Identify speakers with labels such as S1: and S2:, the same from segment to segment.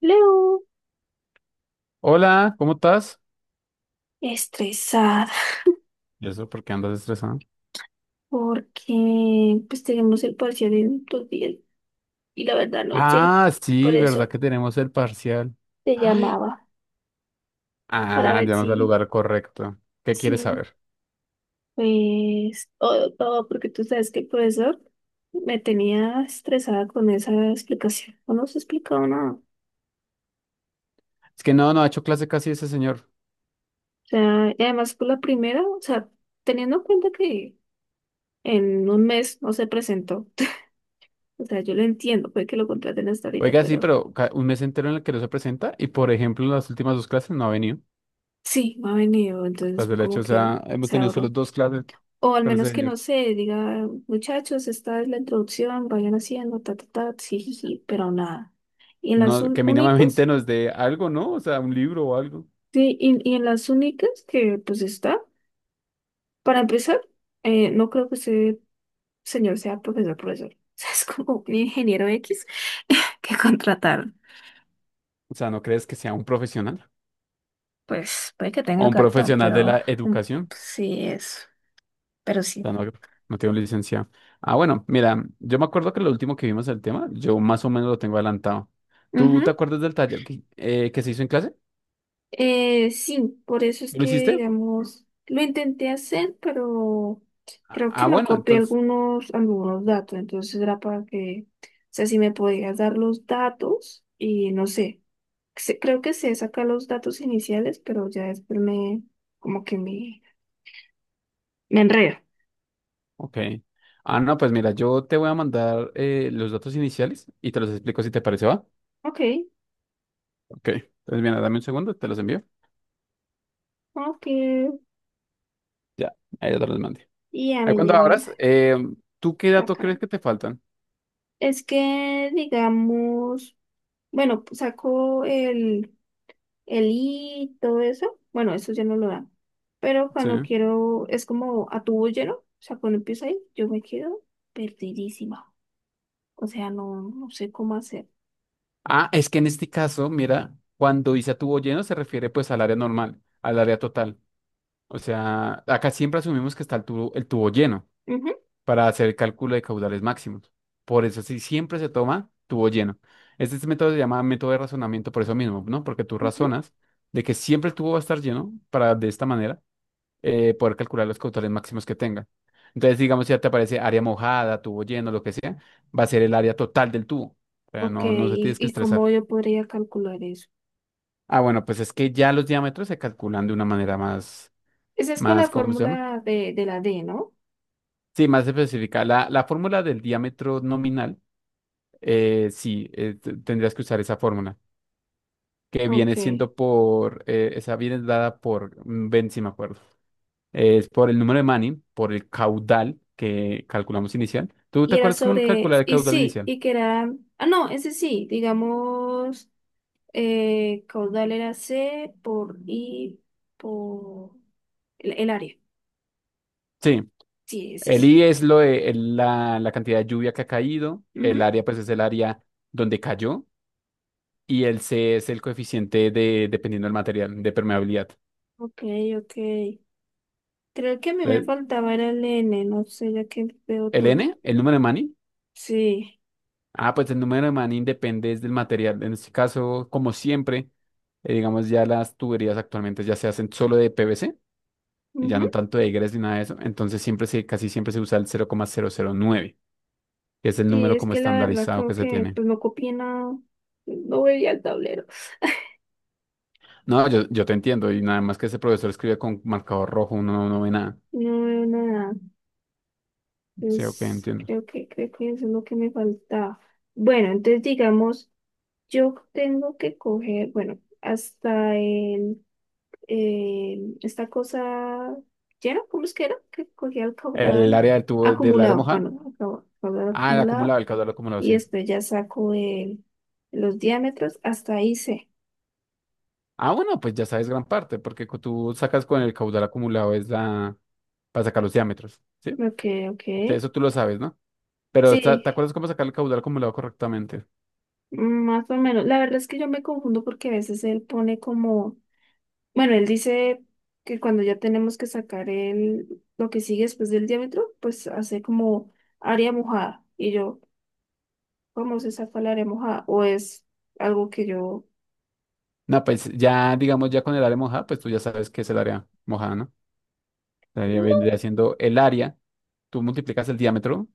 S1: Leo,
S2: Hola, ¿cómo estás?
S1: estresada
S2: ¿Y eso por qué andas estresado?
S1: porque pues tenemos el parcial en 2 días y la verdad no sé,
S2: Ah,
S1: por
S2: sí, ¿verdad
S1: eso
S2: que tenemos el parcial?
S1: te
S2: Ay.
S1: llamaba para
S2: Ah,
S1: ver
S2: llegamos al
S1: si,
S2: lugar correcto. ¿Qué quieres
S1: si,
S2: saber?
S1: pues, o porque tú sabes que el profesor me tenía estresada con esa explicación, no nos explicaba nada. O
S2: Es que no, no ha hecho clase casi ese señor.
S1: sea, y además por la primera, o sea, teniendo en cuenta que en 1 mes no se presentó. O sea, yo lo entiendo, puede que lo contraten hasta ahorita,
S2: Oiga, sí,
S1: pero...
S2: pero un mes entero en el que no se presenta y, por ejemplo, en las últimas dos clases no ha venido.
S1: Sí, no ha venido, entonces
S2: Las del hecho,
S1: como
S2: o
S1: que
S2: sea, hemos
S1: se
S2: tenido solo
S1: ahorró.
S2: dos clases
S1: O al
S2: con ese
S1: menos que no
S2: señor.
S1: sé, diga, muchachos, esta es la introducción, vayan haciendo, ta, ta, ta, sí, ji, ji, pero nada. Y en las
S2: No, que mínimamente
S1: únicas,
S2: nos dé algo, ¿no? O sea, un libro o algo.
S1: sí, y en las únicas que pues está, para empezar, no creo que ese señor sea profesor, profesor. O sea, es como un ingeniero X que contrataron.
S2: O sea, ¿no crees que sea un profesional?
S1: Pues puede que tenga
S2: ¿O
S1: el
S2: un
S1: cartón,
S2: profesional de
S1: pero
S2: la
S1: mm,
S2: educación?
S1: sí es, pero sí.
S2: Ya no, no tiene un licenciado. Ah, bueno, mira, yo me acuerdo que lo último que vimos el tema, yo más o menos lo tengo adelantado. ¿Tú te acuerdas del taller que se hizo en clase?
S1: Sí, por eso es
S2: ¿Lo
S1: que,
S2: hiciste?
S1: digamos, lo intenté hacer, pero creo que no
S2: Bueno,
S1: copié
S2: entonces,
S1: algunos, algunos datos, entonces era para que, o sea, si me podías dar los datos y no sé, creo que sé sacar los datos iniciales, pero ya después me, como que me enredo.
S2: ok. Ah, no, pues mira, yo te voy a mandar los datos iniciales y te los explico si te parece, ¿va?
S1: Ok,
S2: Ok. Entonces, mira, dame un segundo, te los envío.
S1: ok,
S2: Ya, ahí ya te los mandé.
S1: y ya
S2: Ahí
S1: me
S2: cuando
S1: llega
S2: abras, ¿tú qué
S1: la
S2: datos
S1: cara.
S2: crees que te faltan?
S1: Es que, digamos, bueno, saco el y todo eso, bueno, eso ya no lo dan. Pero
S2: Sí.
S1: cuando quiero, es como a tubo lleno, o sea, cuando empiezo ahí, yo me quedo perdidísima. O sea, no, no sé cómo hacer.
S2: Ah, es que en este caso, mira, cuando dice a tubo lleno se refiere pues al área normal, al área total. O sea, acá siempre asumimos que está el tubo lleno
S1: Ujú,
S2: para hacer el cálculo de caudales máximos. Por eso sí, siempre se toma tubo lleno. Este método se llama método de razonamiento por eso mismo, ¿no? Porque tú
S1: ujú.
S2: razonas de que siempre el tubo va a estar lleno para de esta manera poder calcular los caudales máximos que tenga. Entonces, digamos, si ya te aparece área mojada, tubo lleno, lo que sea, va a ser el área total del tubo. O sea,
S1: Ok,
S2: no, no se tienes que
S1: y cómo
S2: estresar.
S1: yo podría calcular eso?
S2: Ah, bueno, pues es que ya los diámetros se calculan de una manera más,
S1: Esa es con la
S2: más, ¿cómo se llama?
S1: fórmula de la D, ¿no?
S2: Sí, más específica. La fórmula del diámetro nominal, sí, tendrías que usar esa fórmula, que
S1: Ok.
S2: viene siendo por, esa viene dada por, ven si me acuerdo, es por el número de Manning, por el caudal que calculamos inicial. ¿Tú te
S1: Y era
S2: acuerdas cómo
S1: sobre,
S2: calcular el
S1: y
S2: caudal
S1: sí,
S2: inicial?
S1: y que era, ah, no, ese sí, digamos, caudal era C por I por el área.
S2: Sí,
S1: Sí, es
S2: el
S1: ese.
S2: I es lo de, la cantidad de lluvia que ha caído, el
S1: Ujú.
S2: área pues es el área donde cayó y el C es el coeficiente de, dependiendo del material, de permeabilidad.
S1: Ok, ok. Creo que a mí me
S2: Entonces,
S1: faltaba era el N, no sé, ya que veo
S2: el
S1: tú.
S2: N, el número de Manning.
S1: Sí.
S2: Ah, pues el número de Manning depende es del material. En este caso, como siempre, digamos ya las tuberías actualmente ya se hacen solo de PVC y ya
S1: Ujú.
S2: no tanto de egres ni nada de eso. Entonces siempre se, casi siempre se usa el cero coma cero cero coma nueve, que es el
S1: Sí,
S2: número
S1: es
S2: como
S1: que la verdad
S2: estandarizado
S1: creo
S2: que se
S1: que
S2: tiene.
S1: pues no copié nada. No veía el tablero.
S2: No, yo te entiendo y nada más que ese profesor escribe con marcador rojo, uno no, no ve nada.
S1: No veo nada.
S2: Sí, ok,
S1: Pues
S2: entiendo.
S1: creo que eso es lo que me faltaba. Bueno, entonces digamos, yo tengo que coger, bueno, hasta el esta cosa llena, ¿cómo es que era? Que cogía el
S2: El
S1: caudal
S2: área del tubo, del área
S1: acumulado,
S2: mojada.
S1: bueno, caudal
S2: Ah, el
S1: acumulado,
S2: acumulado, el caudal acumulado,
S1: y
S2: sí.
S1: después ya saco el, los diámetros, hasta ahí sé.
S2: Ah, bueno, pues ya sabes gran parte, porque tú sacas con el caudal acumulado es la para sacar los diámetros, ¿sí?
S1: Ok,
S2: O
S1: ok.
S2: sea, eso tú lo sabes, ¿no? Pero
S1: Sí,
S2: ¿te acuerdas cómo sacar el caudal acumulado correctamente?
S1: más o menos. La verdad es que yo me confundo porque a veces él pone como, bueno, él dice que cuando ya tenemos que sacar el, lo que sigue después del diámetro, pues hace como área mojada. Y yo, ¿cómo se saca el área mojada? O es algo que yo
S2: No, pues ya, digamos, ya con el área mojada, pues tú ya sabes qué es el área mojada, ¿no? El área
S1: no.
S2: vendría siendo el área, tú multiplicas el diámetro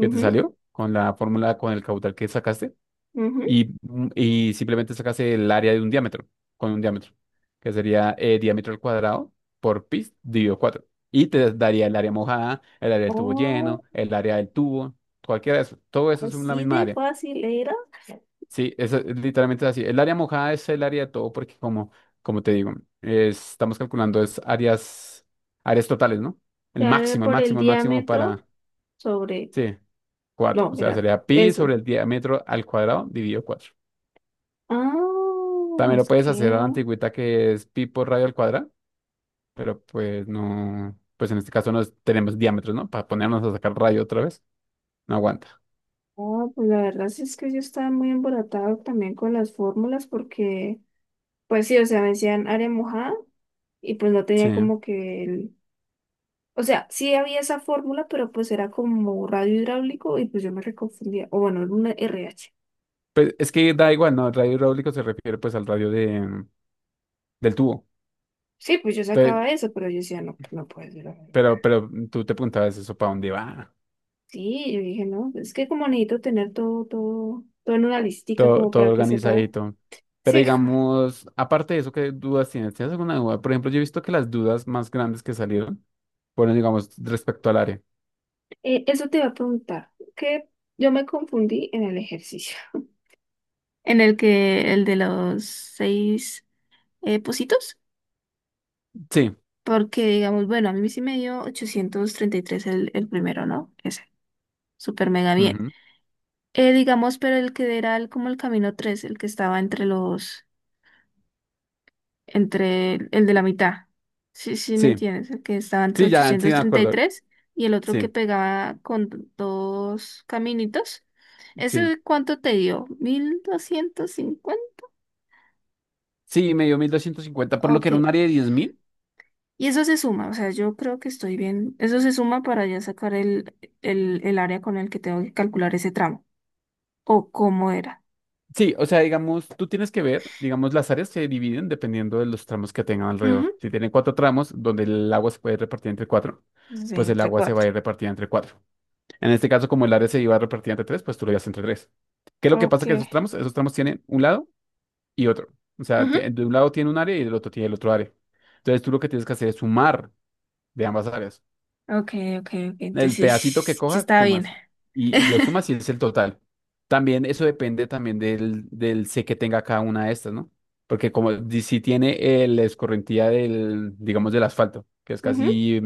S2: que te salió con la fórmula, con el caudal que sacaste,
S1: ujú.
S2: y, y simplemente sacas el área de un diámetro, con un diámetro, que sería diámetro al cuadrado por pi dividido cuatro. Y te daría el área mojada, el área del tubo
S1: Oh,
S2: lleno, el área del tubo, cualquiera de eso. Todo eso es una
S1: así
S2: misma
S1: de
S2: área.
S1: fácil era.
S2: Sí, eso es literalmente así. El área mojada es el área de todo porque como, como te digo, estamos calculando es áreas, áreas totales, ¿no? El
S1: Dar
S2: máximo, el
S1: por el
S2: máximo, el máximo
S1: diámetro
S2: para,
S1: sobre.
S2: sí, cuatro.
S1: No,
S2: O sea,
S1: era
S2: sería pi
S1: eso.
S2: sobre el diámetro al cuadrado dividido cuatro.
S1: Ah,
S2: También lo
S1: es
S2: puedes hacer a la
S1: que.
S2: antigüita que es pi por radio al cuadrado, pero pues no, pues en este caso no tenemos diámetros, ¿no? Para ponernos a sacar radio otra vez, no aguanta.
S1: Ah, pues la verdad sí es que yo estaba muy emboratado también con las fórmulas porque, pues sí, o sea, me decían área mojada y pues no tenía
S2: Sí.
S1: como que el. O sea, sí había esa fórmula, pero pues era como radio hidráulico y pues yo me reconfundía. O bueno, era una R h.
S2: Pues es que da igual, ¿no? El radio hidráulico se refiere pues al radio de, del tubo.
S1: Sí, pues yo
S2: Pe-
S1: sacaba eso, pero yo decía, no, pues, no puede ser.
S2: Pero, tú te preguntabas eso, ¿para dónde va?
S1: Sí, yo dije, no, es que como necesito tener todo, todo, todo en una listica
S2: Todo,
S1: como
S2: todo
S1: para que sepa.
S2: organizadito. Pero
S1: Sí. Hijo,
S2: digamos, aparte de eso, ¿qué dudas tienes? ¿Tienes alguna duda? Por ejemplo, yo he visto que las dudas más grandes que salieron fueron, digamos, respecto al área.
S1: eso te iba a preguntar, que yo me confundí en el ejercicio. En el que, el de los seis pocitos,
S2: Sí,
S1: porque digamos, bueno, a mí sí me dio 833 el primero, ¿no? Ese, súper mega bien.
S2: ujú,
S1: Digamos, pero el que era el, como el camino 3, el que estaba entre los entre el de la mitad. Sí, sí, ¿me
S2: sí.
S1: entiendes? El que estaba entre
S2: Sí, ya, sí,
S1: ochocientos
S2: de
S1: treinta y
S2: acuerdo.
S1: tres y el otro que
S2: Sí.
S1: pegaba con dos caminitos.
S2: Sí,
S1: ¿Ese cuánto te dio? 1.250.
S2: sí, me dio 1250, por lo que
S1: Ok.
S2: era un área de 10000.
S1: Y eso se suma, o sea, yo creo que estoy bien. Eso se suma para ya sacar el área con el que tengo que calcular ese tramo. O cómo era.
S2: Sí, o sea, digamos, tú tienes que ver, digamos, las áreas se dividen dependiendo de los tramos que tengan
S1: Ujú.
S2: alrededor. Si tienen cuatro tramos, donde el agua se puede repartir entre cuatro,
S1: Sí,
S2: pues el
S1: entre
S2: agua se va a
S1: cuatro.
S2: ir repartida entre cuatro. En este caso, como el área se iba a repartir entre tres, pues tú lo llevas entre tres. ¿Qué es lo que
S1: Ok.
S2: pasa que esos tramos? Esos tramos tienen un lado y otro. O sea,
S1: Ujú.
S2: de un lado tiene un área y del otro tiene el otro área. Entonces tú lo que tienes que hacer es sumar de ambas áreas.
S1: Ok, ok, ok.
S2: El
S1: Entonces,
S2: pedacito que
S1: sí
S2: coja,
S1: estaba bien.
S2: sumas. Y lo sumas y es el total. También eso depende también del, del C que tenga cada una de estas, ¿no? Porque como si tiene la escorrentía del, digamos, del asfalto,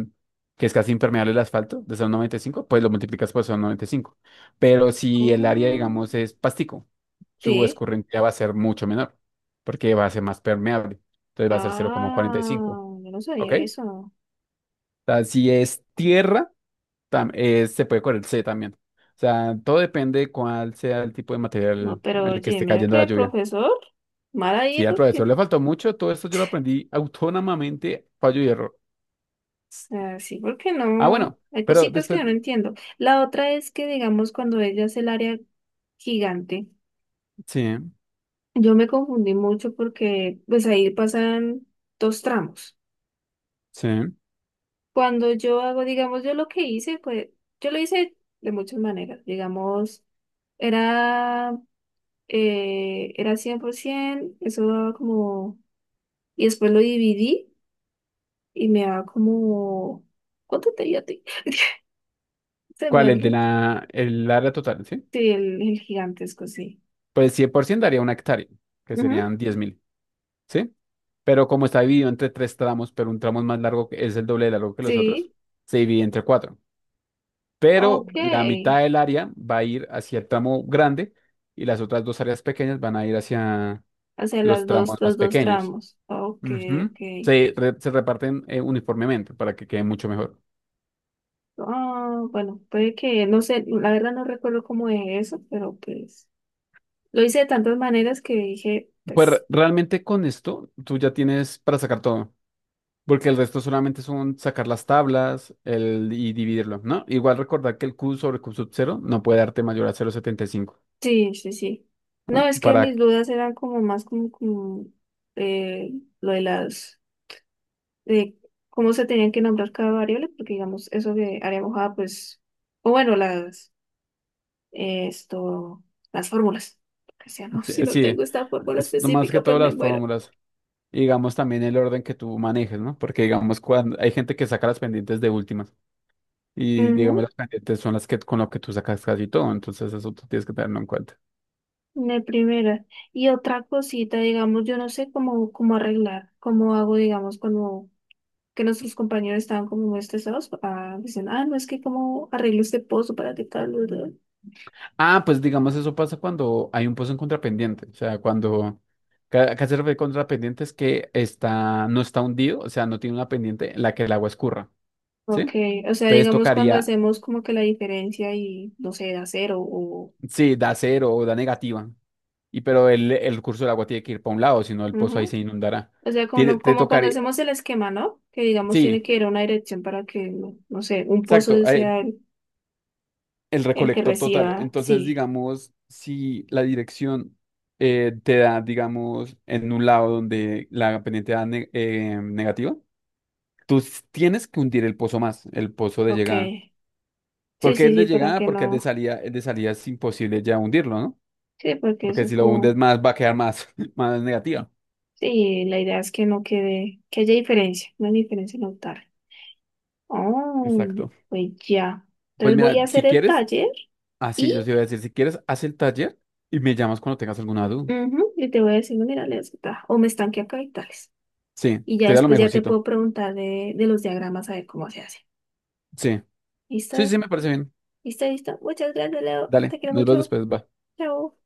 S2: que es casi impermeable el asfalto, de son 95, pues lo multiplicas por son 95. Pero si el área,
S1: Ujú.
S2: digamos, es pastico, su
S1: Sí.
S2: escorrentía va a ser mucho menor, porque va a ser más permeable. Entonces va a ser
S1: Ah,
S2: 0,45,
S1: yo no
S2: ¿ok?
S1: sabía
S2: O
S1: eso.
S2: sea, si es tierra, se puede correr, C también. O sea, todo depende de cuál sea el tipo de
S1: No,
S2: material
S1: pero
S2: en el que
S1: oye,
S2: esté
S1: mira
S2: cayendo
S1: que
S2: la
S1: el
S2: lluvia.
S1: profesor, mal ahí
S2: Sí, al
S1: porque
S2: profesor le
S1: o
S2: faltó mucho, todo esto yo lo aprendí autónomamente, fallo y error.
S1: sea, sí, porque
S2: Ah,
S1: no.
S2: bueno,
S1: Hay
S2: pero
S1: cositas que
S2: después,
S1: yo no entiendo. La otra es que, digamos, cuando ella es el área gigante,
S2: sí,
S1: yo me confundí mucho porque, pues ahí pasan dos tramos.
S2: sí.
S1: Cuando yo hago, digamos, yo lo que hice, pues, yo lo hice de muchas maneras. Digamos, era, era 100%, eso daba como. Y después lo dividí y me daba como... ¿Cuánto te di a ti? Se me
S2: ¿Cuál? El de
S1: olvidó.
S2: la, el área total, ¿sí?
S1: Sí, el gigantesco, sí.
S2: Pues 100% daría una hectárea, que
S1: Ujú.
S2: serían 10000, ¿sí? Pero como está dividido entre tres tramos, pero un tramo es más largo, que es el doble de largo que los otros,
S1: Sí,
S2: se divide entre cuatro. Pero la
S1: ok.
S2: mitad del área va a ir hacia el tramo grande y las otras dos áreas pequeñas van a ir hacia
S1: O sea, las
S2: los tramos
S1: dos, los
S2: más
S1: dos
S2: pequeños.
S1: tramos. Ok,
S2: Ujú.
S1: ok.
S2: Se, se reparten uniformemente para que quede mucho mejor.
S1: Ah, bueno, puede que, no sé, la verdad no recuerdo cómo es eso, pero pues lo hice de tantas maneras que dije,
S2: Pues
S1: pues,
S2: realmente con esto tú ya tienes para sacar todo, porque el resto solamente son sacar las tablas el, y dividirlo, ¿no? Igual recordar que el Q sobre Q sub 0 no puede darte mayor a 0.75
S1: sí, sí, sí. No, es que
S2: para...
S1: mis dudas eran como más como, como, eh, lo de las de cómo se tenían que nombrar cada variable, porque digamos, eso de área mojada, pues, o bueno, las, esto, las fórmulas. Que sea, no.
S2: Sí,
S1: Si no
S2: sí,
S1: tengo esta fórmula
S2: es más que
S1: específica, pues
S2: todas
S1: me
S2: las
S1: muero.
S2: fórmulas. Y digamos también el orden que tú manejes, ¿no? Porque digamos cuando hay gente que saca las pendientes de últimas y
S1: Ujú,
S2: digamos las pendientes son las que con lo que tú sacas casi todo, entonces eso tú tienes que tenerlo en cuenta.
S1: de primera. Y otra cosita, digamos, yo no sé cómo, cómo arreglar, cómo hago, digamos, cuando que nuestros compañeros estaban como muy estresados, ah, dicen, ah, no, es que cómo arreglo este pozo para que tal, bla, bla.
S2: Ah, pues digamos eso pasa cuando hay un pozo en contrapendiente, o sea, cuando acá se refiere contrapendiente es que está no está hundido, o sea, no tiene una pendiente en la que el agua escurra,
S1: Ok,
S2: ¿sí?
S1: o sea,
S2: Entonces
S1: digamos cuando
S2: tocaría,
S1: hacemos como que la diferencia y, no sé, da cero o...
S2: sí, da cero o da negativa, y pero el curso del agua tiene que ir para un lado, si no el pozo ahí se
S1: ujú.
S2: inundará.
S1: O sea, como,
S2: Te
S1: como cuando
S2: tocaría.
S1: hacemos el esquema, ¿no? Que digamos
S2: Sí,
S1: tiene que ir a una dirección para que, no, no sé, un pozo
S2: exacto,
S1: sea
S2: el
S1: el que
S2: recolector total.
S1: reciba.
S2: Entonces,
S1: Sí,
S2: digamos, si la dirección te da, digamos, en un lado donde la pendiente da negativa, tú tienes que hundir el pozo más, el pozo de
S1: ok.
S2: llegada. ¿Por
S1: Sí,
S2: qué
S1: sí,
S2: el de
S1: sí, para
S2: llegada,
S1: que
S2: porque
S1: no.
S2: el de salida es imposible ya hundirlo, ¿no?
S1: Sí, porque eso
S2: Porque
S1: es
S2: si lo
S1: como.
S2: hundes más, va a quedar más, más negativa.
S1: Sí, la idea es que no quede, que haya diferencia, una diferencia notable. Oh,
S2: Exacto.
S1: pues ya.
S2: Pues
S1: Entonces voy
S2: mira,
S1: a hacer
S2: si
S1: el
S2: quieres,
S1: taller
S2: así
S1: y,
S2: yo te iba a decir, si quieres, haz el taller y me llamas cuando tengas alguna duda.
S1: ujú, y te voy a decir, no, mira, les gusta, o me estanque acá y tales.
S2: Sí,
S1: Y ya
S2: sería lo
S1: después ya te
S2: mejorcito.
S1: puedo preguntar de los diagramas a ver cómo se hace.
S2: Sí.
S1: ¿Listo?
S2: Sí, sí, me parece bien.
S1: ¿Listo, listo? Muchas gracias, Leo.
S2: Dale,
S1: Te quiero
S2: nos vemos
S1: mucho.
S2: después, va.
S1: Chao.